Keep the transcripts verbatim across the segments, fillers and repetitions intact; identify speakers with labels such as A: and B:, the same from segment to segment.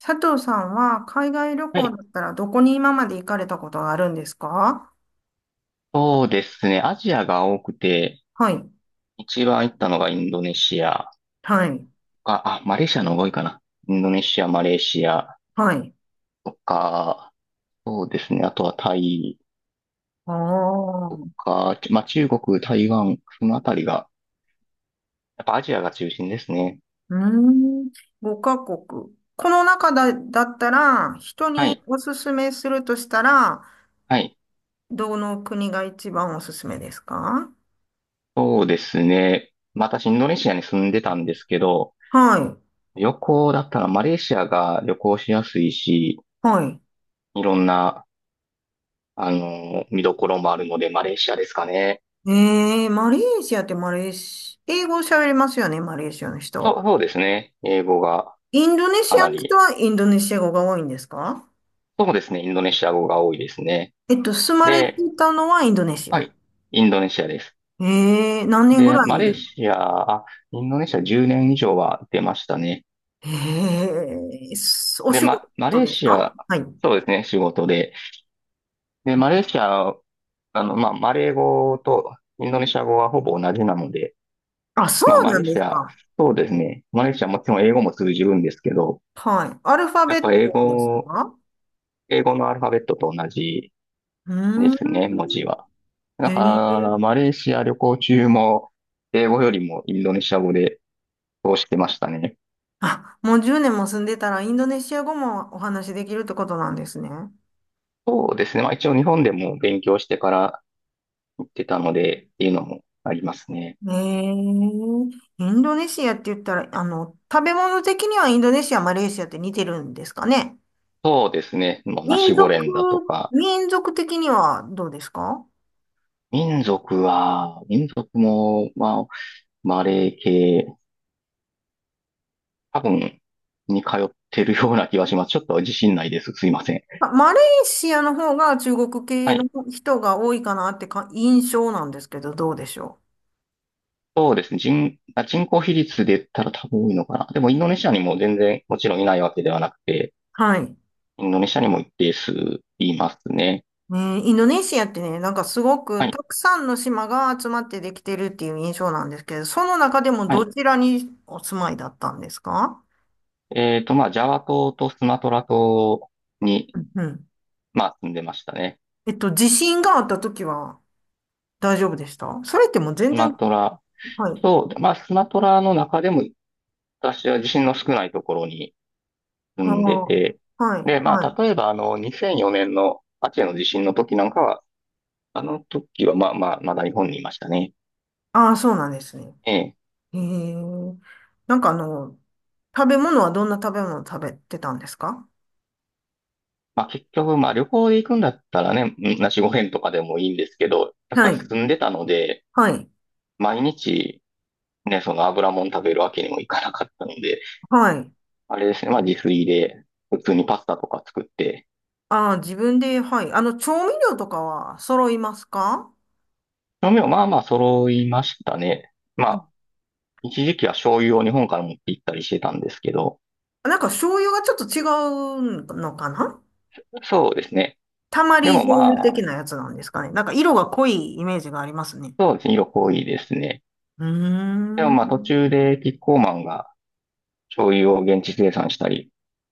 A: 佐藤さんは海外旅
B: は
A: 行だ
B: い。
A: ったらどこに今まで行かれたことがあるんですか？
B: そうですね。アジアが多くて、
A: はい。
B: 一番行ったのがインドネシア
A: はい。
B: か、あ、マレーシアの方が多いかな。インドネシア、マレーシア
A: はい。
B: とか、そうですね。あとはタイ
A: ああ。
B: と
A: う
B: か、ちまあ、中国、台湾、そのあたりが、やっぱアジアが中心ですね。
A: ーん。ごかこくカ国。この中だ、だったら、人
B: は
A: に
B: い。
A: おすすめするとしたら、
B: はい。
A: どの国が一番おすすめですか？
B: そうですね。まあ私、インドネシアに住んでたんですけど、
A: はい。
B: 旅行だったらマレーシアが旅行しやすいし、
A: はい。
B: いろんな、あの、見どころもあるので、マレーシアですかね。
A: えー、マレーシアってマレーシ、英語喋れますよね、マレーシアの
B: そ
A: 人。
B: う、そうですね。英語が
A: インドネ
B: か
A: シア
B: な
A: の人
B: り、
A: はインドネシア語が多いんですか？
B: そうですね。インドネシア語が多いですね。
A: えっと、住まれて
B: で、
A: たのはインドネシ
B: は
A: ア。
B: い。インドネシアです。
A: ええ、何年ぐ
B: で、
A: らい
B: マ
A: に？
B: レーシア、あ、インドネシアじゅうねん以上は出ましたね。
A: ええ、すお
B: で、
A: 仕
B: ま、マ
A: 事
B: レー
A: です
B: シ
A: か？
B: ア、
A: はい。
B: そうですね。仕事で。で、マレーシア、あの、まあ、マレー語とインドネシア語はほぼ同じなので、
A: あ、そ
B: まあ、
A: う
B: マ
A: な
B: レー
A: んで
B: シ
A: す
B: ア、
A: か。
B: そうですね。マレーシアもちろん英語も通じるんですけど、
A: はい。アルファ
B: や
A: ベ
B: っ
A: ッ
B: ぱ英
A: トです
B: 語、
A: か？
B: 英語のアルファベットと同じ
A: う
B: で
A: ー
B: すね、文
A: ん。
B: 字は。
A: え
B: だから、
A: え。
B: マレーシア旅行中も、英語よりもインドネシア語で通してましたね。
A: あ、もうじゅうねんも住んでたらインドネシア語もお話しできるってことなんですね。
B: そうですね。まあ一応日本でも勉強してから行ってたので、っていうのもありますね。
A: ええ。インドネシアって言ったら、あの、食べ物的にはインドネシア、マレーシアって似てるんですかね。
B: そうですね。もうナ
A: 民
B: シ
A: 族、
B: ゴレンだとか、
A: 民族的にはどうですか？
B: 民族は、民族も、まあ、マレー系、多分、に通ってるような気がします。ちょっと自信ないです。すいません。
A: あ、マレーシアの方が中国系
B: は
A: の
B: い。
A: 人が多いかなってか印象なんですけど、どうでしょう。
B: そうですね。人、あ人口比率で言ったら多分多いのかな。でもインドネシアにも全然もちろんいないわけではなくて、
A: はい。
B: インドネシアにも一定数いますね。
A: ね、インドネシアってね、なんかすご
B: は
A: くた
B: い。
A: くさんの島が集まってできてるっていう印象なんですけど、その中でも
B: は
A: ど
B: い。
A: ちらにお住まいだったんですか？
B: えっと、まあ、ジャワ島とスマトラ島に、
A: うんうん。
B: まあ、住んでましたね。
A: えっと、地震があった時は大丈夫でした？それってもう全
B: スマ
A: 然、
B: トラ。
A: はい。
B: そう。まあ、スマトラの中でも、私は地震の少ないところに住
A: あ
B: んで
A: あ、
B: て、
A: はい、
B: で、ま
A: は
B: あ、
A: い。
B: 例えば、あの、にせんよねんのアチェの地震の時なんかは、あの時は、まあまあ、まだ日本にいましたね。
A: ああ、そうなんですね。
B: ええ。
A: へえ。なんかあの、食べ物はどんな食べ物を食べてたんですか？
B: まあ、結局、まあ、旅行で行くんだったらね、なしご編とかでもいいんですけど、やっ
A: は
B: ぱり
A: い。
B: 住んでたので、
A: はい。
B: 毎日、ね、その油もん食べるわけにもいかなかったので、
A: はい。
B: あれですね、まあ自炊で普通にパスタとか作って、
A: ああ、自分で、はい。あの、調味料とかは揃いますか？
B: 調味料まあまあ揃いましたね。ま
A: う
B: あ、
A: ん。
B: 一時期は醤油を日本から持って行ったりしてたんですけど、
A: なんか醤油がちょっと違うのかな？
B: そうですね。
A: たま
B: で
A: り
B: も
A: 醤油
B: ま
A: 的
B: あ、
A: なやつなんですかね。なんか色が濃いイメージがありますね。
B: そうですね、色濃いですね。
A: う
B: でも
A: ー
B: まあ
A: ん。
B: 途中でキッコーマンが醤油を現地生産したり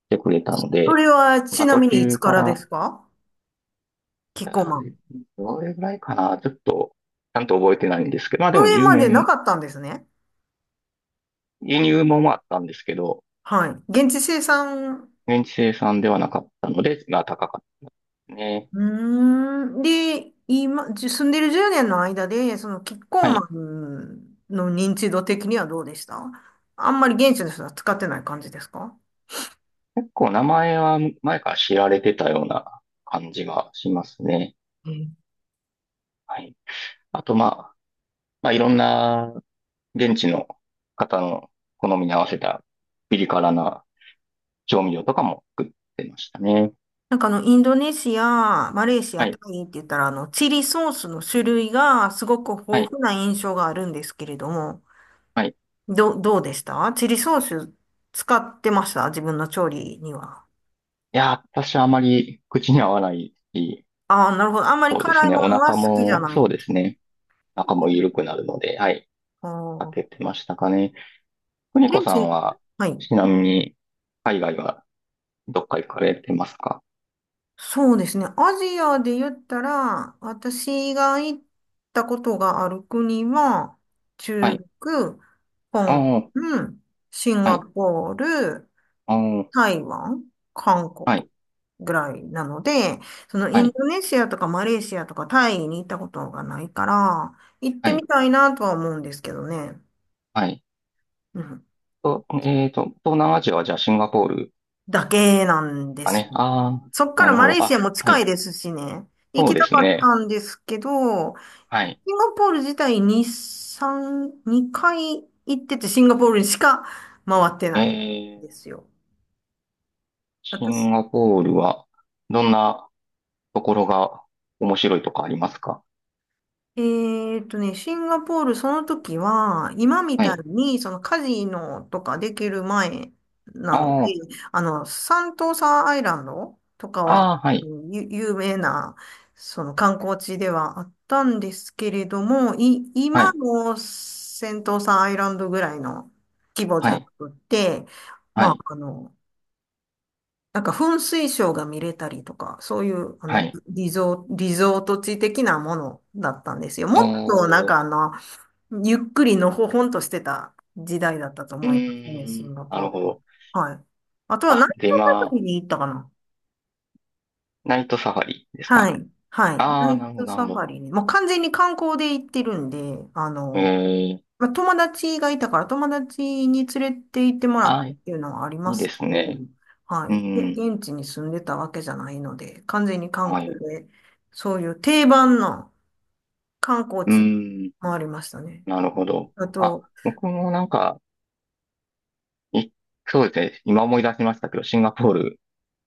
B: してくれたの
A: そ
B: で、
A: れはち
B: まあ
A: な
B: 途
A: みにいつ
B: 中
A: か
B: か
A: らで
B: ら、
A: すか？キッコー
B: あ
A: マ
B: れ
A: ン。
B: どれぐらいかな、ちょっと、ちゃんと覚えてないんですけど、まあで
A: そ
B: も
A: れ
B: 10
A: までな
B: 年、
A: かったんですね。
B: 輸入もあったんですけど、
A: はい。現地生産。
B: 現地生産ではなかったので、まあ高かったね。
A: うーん。で、今、じ住んでるじゅうねんの間で、そのキッコー
B: は
A: マ
B: い。
A: ンの認知度的にはどうでした？あんまり現地の人は使ってない感じですか？
B: 結構名前は前から知られてたような感じがしますね。
A: うん。
B: はい。あとまあ、まあいろんな現地の方の好みに合わせたピリ辛な調味料とかも作ってましたね。
A: なんかあの、インドネシア、マレーシア、
B: は
A: タ
B: い。
A: イって言ったら、あの、チリソースの種類がすごく
B: は
A: 豊
B: い。
A: 富な印象があるんですけれども、
B: はい。い
A: ど、どうでしたチリソース？使ってました自分の調理には？
B: やー、私はあまり口に合わないし、
A: ああ、なるほど。あんまり
B: そうで
A: 辛
B: す
A: い
B: ね。
A: も
B: お
A: のは
B: 腹
A: 好きじゃ
B: も、
A: ない
B: そう
A: んで
B: で
A: す
B: す
A: ね。
B: ね。お腹も緩くなるので、はい。
A: あ
B: 開
A: あ、
B: けてましたかね。邦
A: 現
B: 子さん
A: 地、
B: は、
A: はい。
B: ちなみに、海外はどっか行かれてますか？
A: そうですね。アジアで言ったら、私が行ったことがある国は、
B: は
A: 中
B: い。
A: 国、
B: あ
A: 香港、
B: あ、
A: シン
B: は
A: ガ
B: い。
A: ポール、
B: ああ、
A: 台湾、韓国
B: はい。
A: ぐらいなので、その
B: は
A: イン
B: い。
A: ドネシアとかマレーシアとかタイに行ったことがないから、行っ
B: は
A: て
B: い。
A: みたいなとは思うんですけどね。
B: はい。
A: うん。
B: と、えっと、東南アジアはじゃあシンガポール
A: だけなんで
B: か
A: す
B: ね。
A: よ。
B: ああ、
A: そっか
B: な
A: ら
B: るほ
A: マ
B: ど。
A: レーシア
B: あ、
A: も
B: は
A: 近い
B: い。
A: ですしね。行
B: そう
A: き
B: で
A: た
B: す
A: かっ
B: ね。
A: たんですけど、
B: は
A: シ
B: い。
A: ンガポール自体にさん、にかい行ってて、シンガポールにしか回って
B: え
A: ないん
B: ー、
A: ですよ。
B: シ
A: 私、
B: ンガポールは、どんなところが面白いとかありますか？
A: えーっとね、シンガポール、その時は、今み
B: は
A: たい
B: い。
A: に、そのカジノとかできる前なので、
B: あ
A: あの、サントーサーアイランドとかは、
B: あ、ああ、は
A: あ
B: い。
A: のゆ有名な、その観光地ではあったんですけれども、い、
B: は
A: 今
B: い。
A: のセントーサーアイランドぐらいの規模じ
B: は
A: ゃな
B: い。
A: くて、
B: は
A: まあ、
B: い。
A: あの、なんか噴水ショーが見れたりとか、そういう、あ
B: は
A: の、
B: い。
A: リゾ、リゾート地的なものだったんですよ。も
B: お
A: っとなん
B: ー、
A: かあの、ゆっくりのほほんとしてた時代だったと
B: う
A: 思いますね、
B: ー
A: シン
B: ん、
A: ガ
B: な
A: ポー
B: る
A: ル。
B: ほど。
A: はい。あとはナ
B: あ、
A: イト
B: で、
A: サファリ
B: 今、
A: に行ったかな。
B: ナイトサファリです
A: は
B: か？
A: い。はい。
B: あ
A: ナ
B: あー、
A: イ
B: なるほど、
A: ト
B: なるほ
A: サフ
B: ど。
A: ァリに。もう完全に観光で行ってるんで、あの、
B: ええ
A: まあ、友達がいたから、友達に連れて行ってもらっ
B: あ
A: たっ
B: い
A: ていうのはありま
B: いで
A: すけ
B: す
A: ど、
B: ね。
A: は
B: う
A: い。で
B: ん、
A: 現地に住んでたわけじゃないので、完全に観
B: は
A: 光
B: い。
A: で、そういう定番の観光
B: う
A: 地
B: ん、
A: 回りましたね。
B: なるほど。
A: あ
B: あ、
A: と、
B: 僕もなんか、い、そうですね。今思い出しましたけど、シンガポール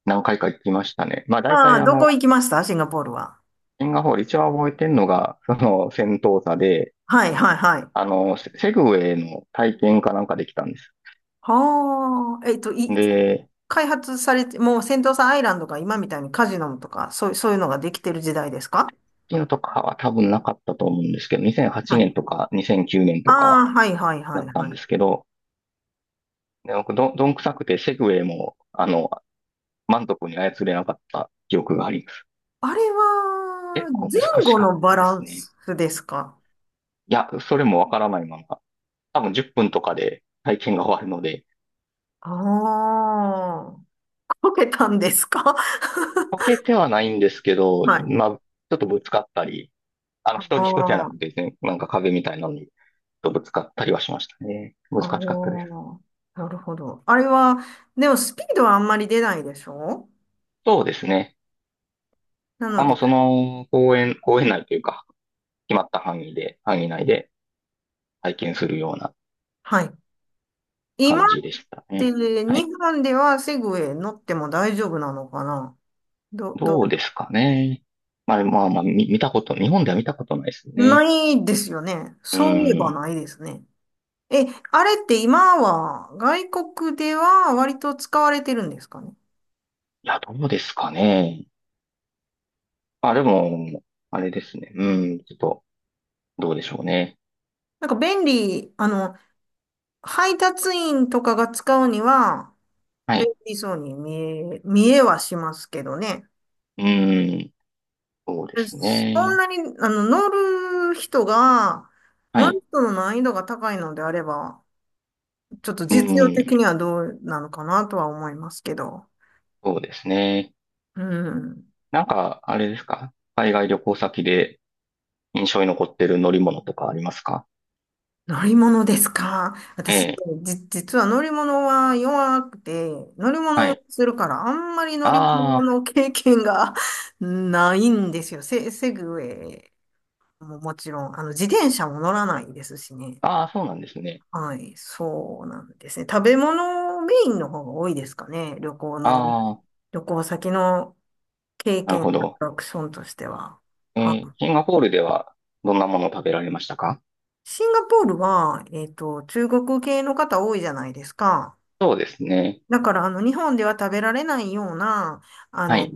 B: 何回か行きましたね。まあ、大
A: あ
B: 体
A: あ、
B: あ
A: どこ
B: の、
A: 行きましたシンガポールは？
B: シンガポール一番覚えてるのが、その、戦闘車で、
A: はい、はい、はい。
B: あの、セセグウェイの体験かなんかできたんです。
A: はあ、えっと、い、
B: で、
A: 開発されて、もうセントサアイランドが今みたいにカジノとか、そう、そういうのができてる時代です
B: あ、
A: か？
B: のとかは多分なかったと思うんですけど、2008
A: はい。
B: 年とかにせんきゅうねん
A: あ
B: とか、
A: あ、はい、はい、は
B: だ
A: い、
B: った
A: は
B: んです
A: い。
B: けど、で僕ど、どんくさくてセグウェイも、あの、満足に操れなかった記憶があります。
A: あれは、
B: 結構
A: 前
B: 難し
A: 後
B: かっ
A: のバ
B: たで
A: ラ
B: す
A: ン
B: ね。い
A: スですか？
B: や、それもわからないまま、多分じゅっぷんとかで体験が終わるので、
A: ああー、こけたんですか？
B: 溶けてはないんですけど、
A: はい。
B: まあ、ちょっとぶつかったり、あの、
A: あ
B: 人、人じゃな
A: あ、
B: くてですね、なんか壁みたいなのに、ちょっとぶつかったりはしましたね。難
A: あ
B: し
A: あ、
B: かったです。
A: なるほど。あれは、でもスピードはあんまり出ないでしょ？
B: そうですね。
A: な
B: あ、
A: ので、
B: もうその公園、公園内というか、決まった範囲で、範囲内で体験するような
A: はい。今っ
B: 感じでした
A: て
B: ね。は
A: 日
B: い。
A: 本ではセグウェイ乗っても大丈夫なのかな？ど、ど、
B: どうですかね。まあまあまあ、み見たこと、日本では見たことないです
A: な
B: ね。
A: いですよね。
B: う
A: そういえば
B: ん。い
A: ないですね。え、あれって今は外国では割と使われてるんですかね？
B: や、どうですかね。まあ、でも、あれですね。うん。ちょっと、どうでしょうね。
A: なんか便利、あの、配達員とかが使うには
B: は
A: 便
B: い。
A: 利そうに見え、見えはしますけどね。
B: うん。そうで
A: で
B: す
A: そん
B: ね。
A: なに、あの、乗る人が、
B: は
A: 乗る
B: い。
A: 人の難易度が高いのであれば、ちょっと
B: う
A: 実用
B: ん。
A: 的にはどうなのかなとは思いますけど。
B: そうですね。
A: うん。
B: なんか、あれですか？海外旅行先で印象に残ってる乗り物とかありますか？
A: 乗り物ですか、
B: え
A: 私？
B: え。
A: じ、実は乗り物は弱くて、乗り物
B: は
A: 酔
B: い。
A: いするから、あんまり乗り物
B: あ
A: の経験が ないんですよ。セ、セグウェイももちろん、あの、自転車も乗らないですしね。
B: あ、ああ、そうなんですね。
A: はい、そうなんですね。食べ物メインの方が多いですかね。旅行の、
B: ああ、
A: 旅行先の経
B: なる
A: 験、アト
B: ほど。
A: ラクションとしては。
B: え
A: は
B: ー
A: い。
B: シンガポールではどんなものを食べられましたか？
A: シンガポールは、えっと、中国系の方多いじゃないですか。
B: そうですね。
A: だから、あの、日本では食べられないような、あ
B: は
A: の、
B: い。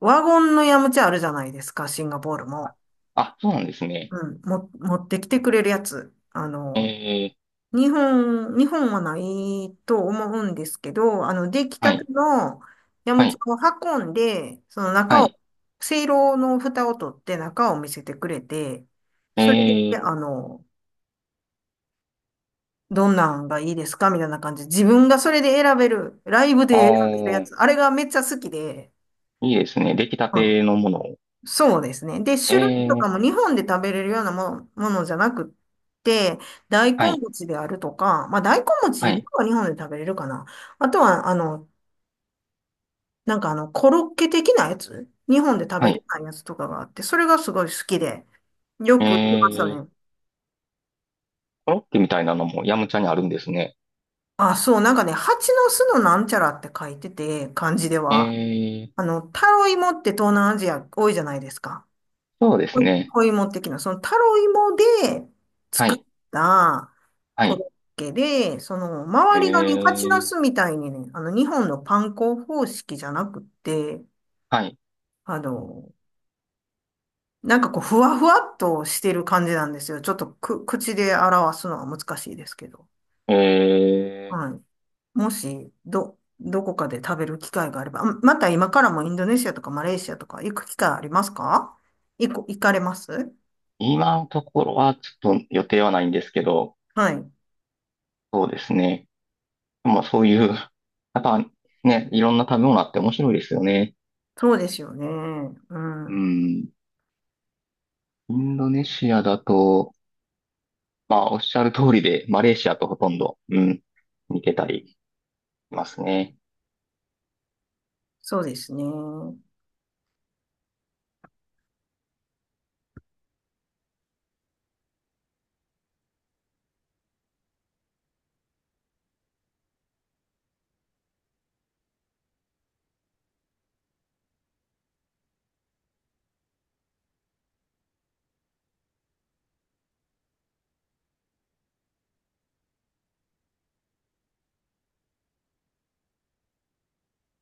A: ワゴンのヤムチャあるじゃないですか、シンガポール
B: あ、
A: も。
B: あそうなんですね。
A: うん、も、持ってきてくれるやつ。あ
B: え
A: の、
B: ー、
A: 日本、日本はないと思うんですけど、あの、出来
B: は
A: たて
B: い、
A: のヤム
B: は
A: チャ
B: い、
A: を運んで、その
B: は
A: 中
B: い。
A: を、せいろの蓋を取って中を見せてくれて、
B: え
A: それで、
B: ー、
A: あの、どんなんがいいですかみたいな感じで、自分がそれで選べる、ライブで
B: あ
A: 選べるや
B: ー、
A: つ、あれがめっちゃ好きで、
B: いいですね。出来たてのものを。
A: そうですね。で、
B: え
A: 種類とか
B: ー、
A: も日本で食べれるようなもの、ものじゃなくって、大
B: は
A: 根
B: い、
A: 餅であるとか、まあ大根
B: は
A: 餅
B: い、
A: は日本で食べれるかな。あとは、あの、なんかあの、コロッケ的なやつ、日本で食
B: は
A: べれ
B: い。
A: ないやつとかがあって、それがすごい好きで、よ
B: え
A: く行きました
B: ー、
A: ね。
B: コロッケみたいなのもヤムチャにあるんですね。
A: あ、そう、なんかね、蜂の巣のなんちゃらって書いてて、漢字で
B: え
A: は。
B: ー、
A: あの、タロイモって東南アジア多いじゃないですか。
B: そうです
A: 小
B: ね。
A: 小芋的な、そのタロイモで
B: は
A: 作っ
B: い、
A: た
B: は
A: コ
B: い。
A: ロッケで、その
B: え
A: 周りがね、蜂ナ
B: ー、
A: スみたいにね、あの日本のパン粉方式じゃなくって、
B: はい。
A: あの、なんかこう、ふわふわっとしてる感じなんですよ。ちょっとく、口で表すのは難しいですけど。
B: えー、
A: はい。もし、ど、どこかで食べる機会があれば、あまた今からもインドネシアとかマレーシアとか行く機会ありますか？行こ、行かれます？
B: 今のところはちょっと予定はないんですけど、
A: はい。
B: そうですね。まあそういう、やっぱね、いろんな食べ物あって面白いですよね。
A: そうですよね。う
B: う
A: ん。
B: ん。インドネシアだと、まあおっしゃる通りで、マレーシアとほとんど、うん、似てたりしますね。
A: そうですね。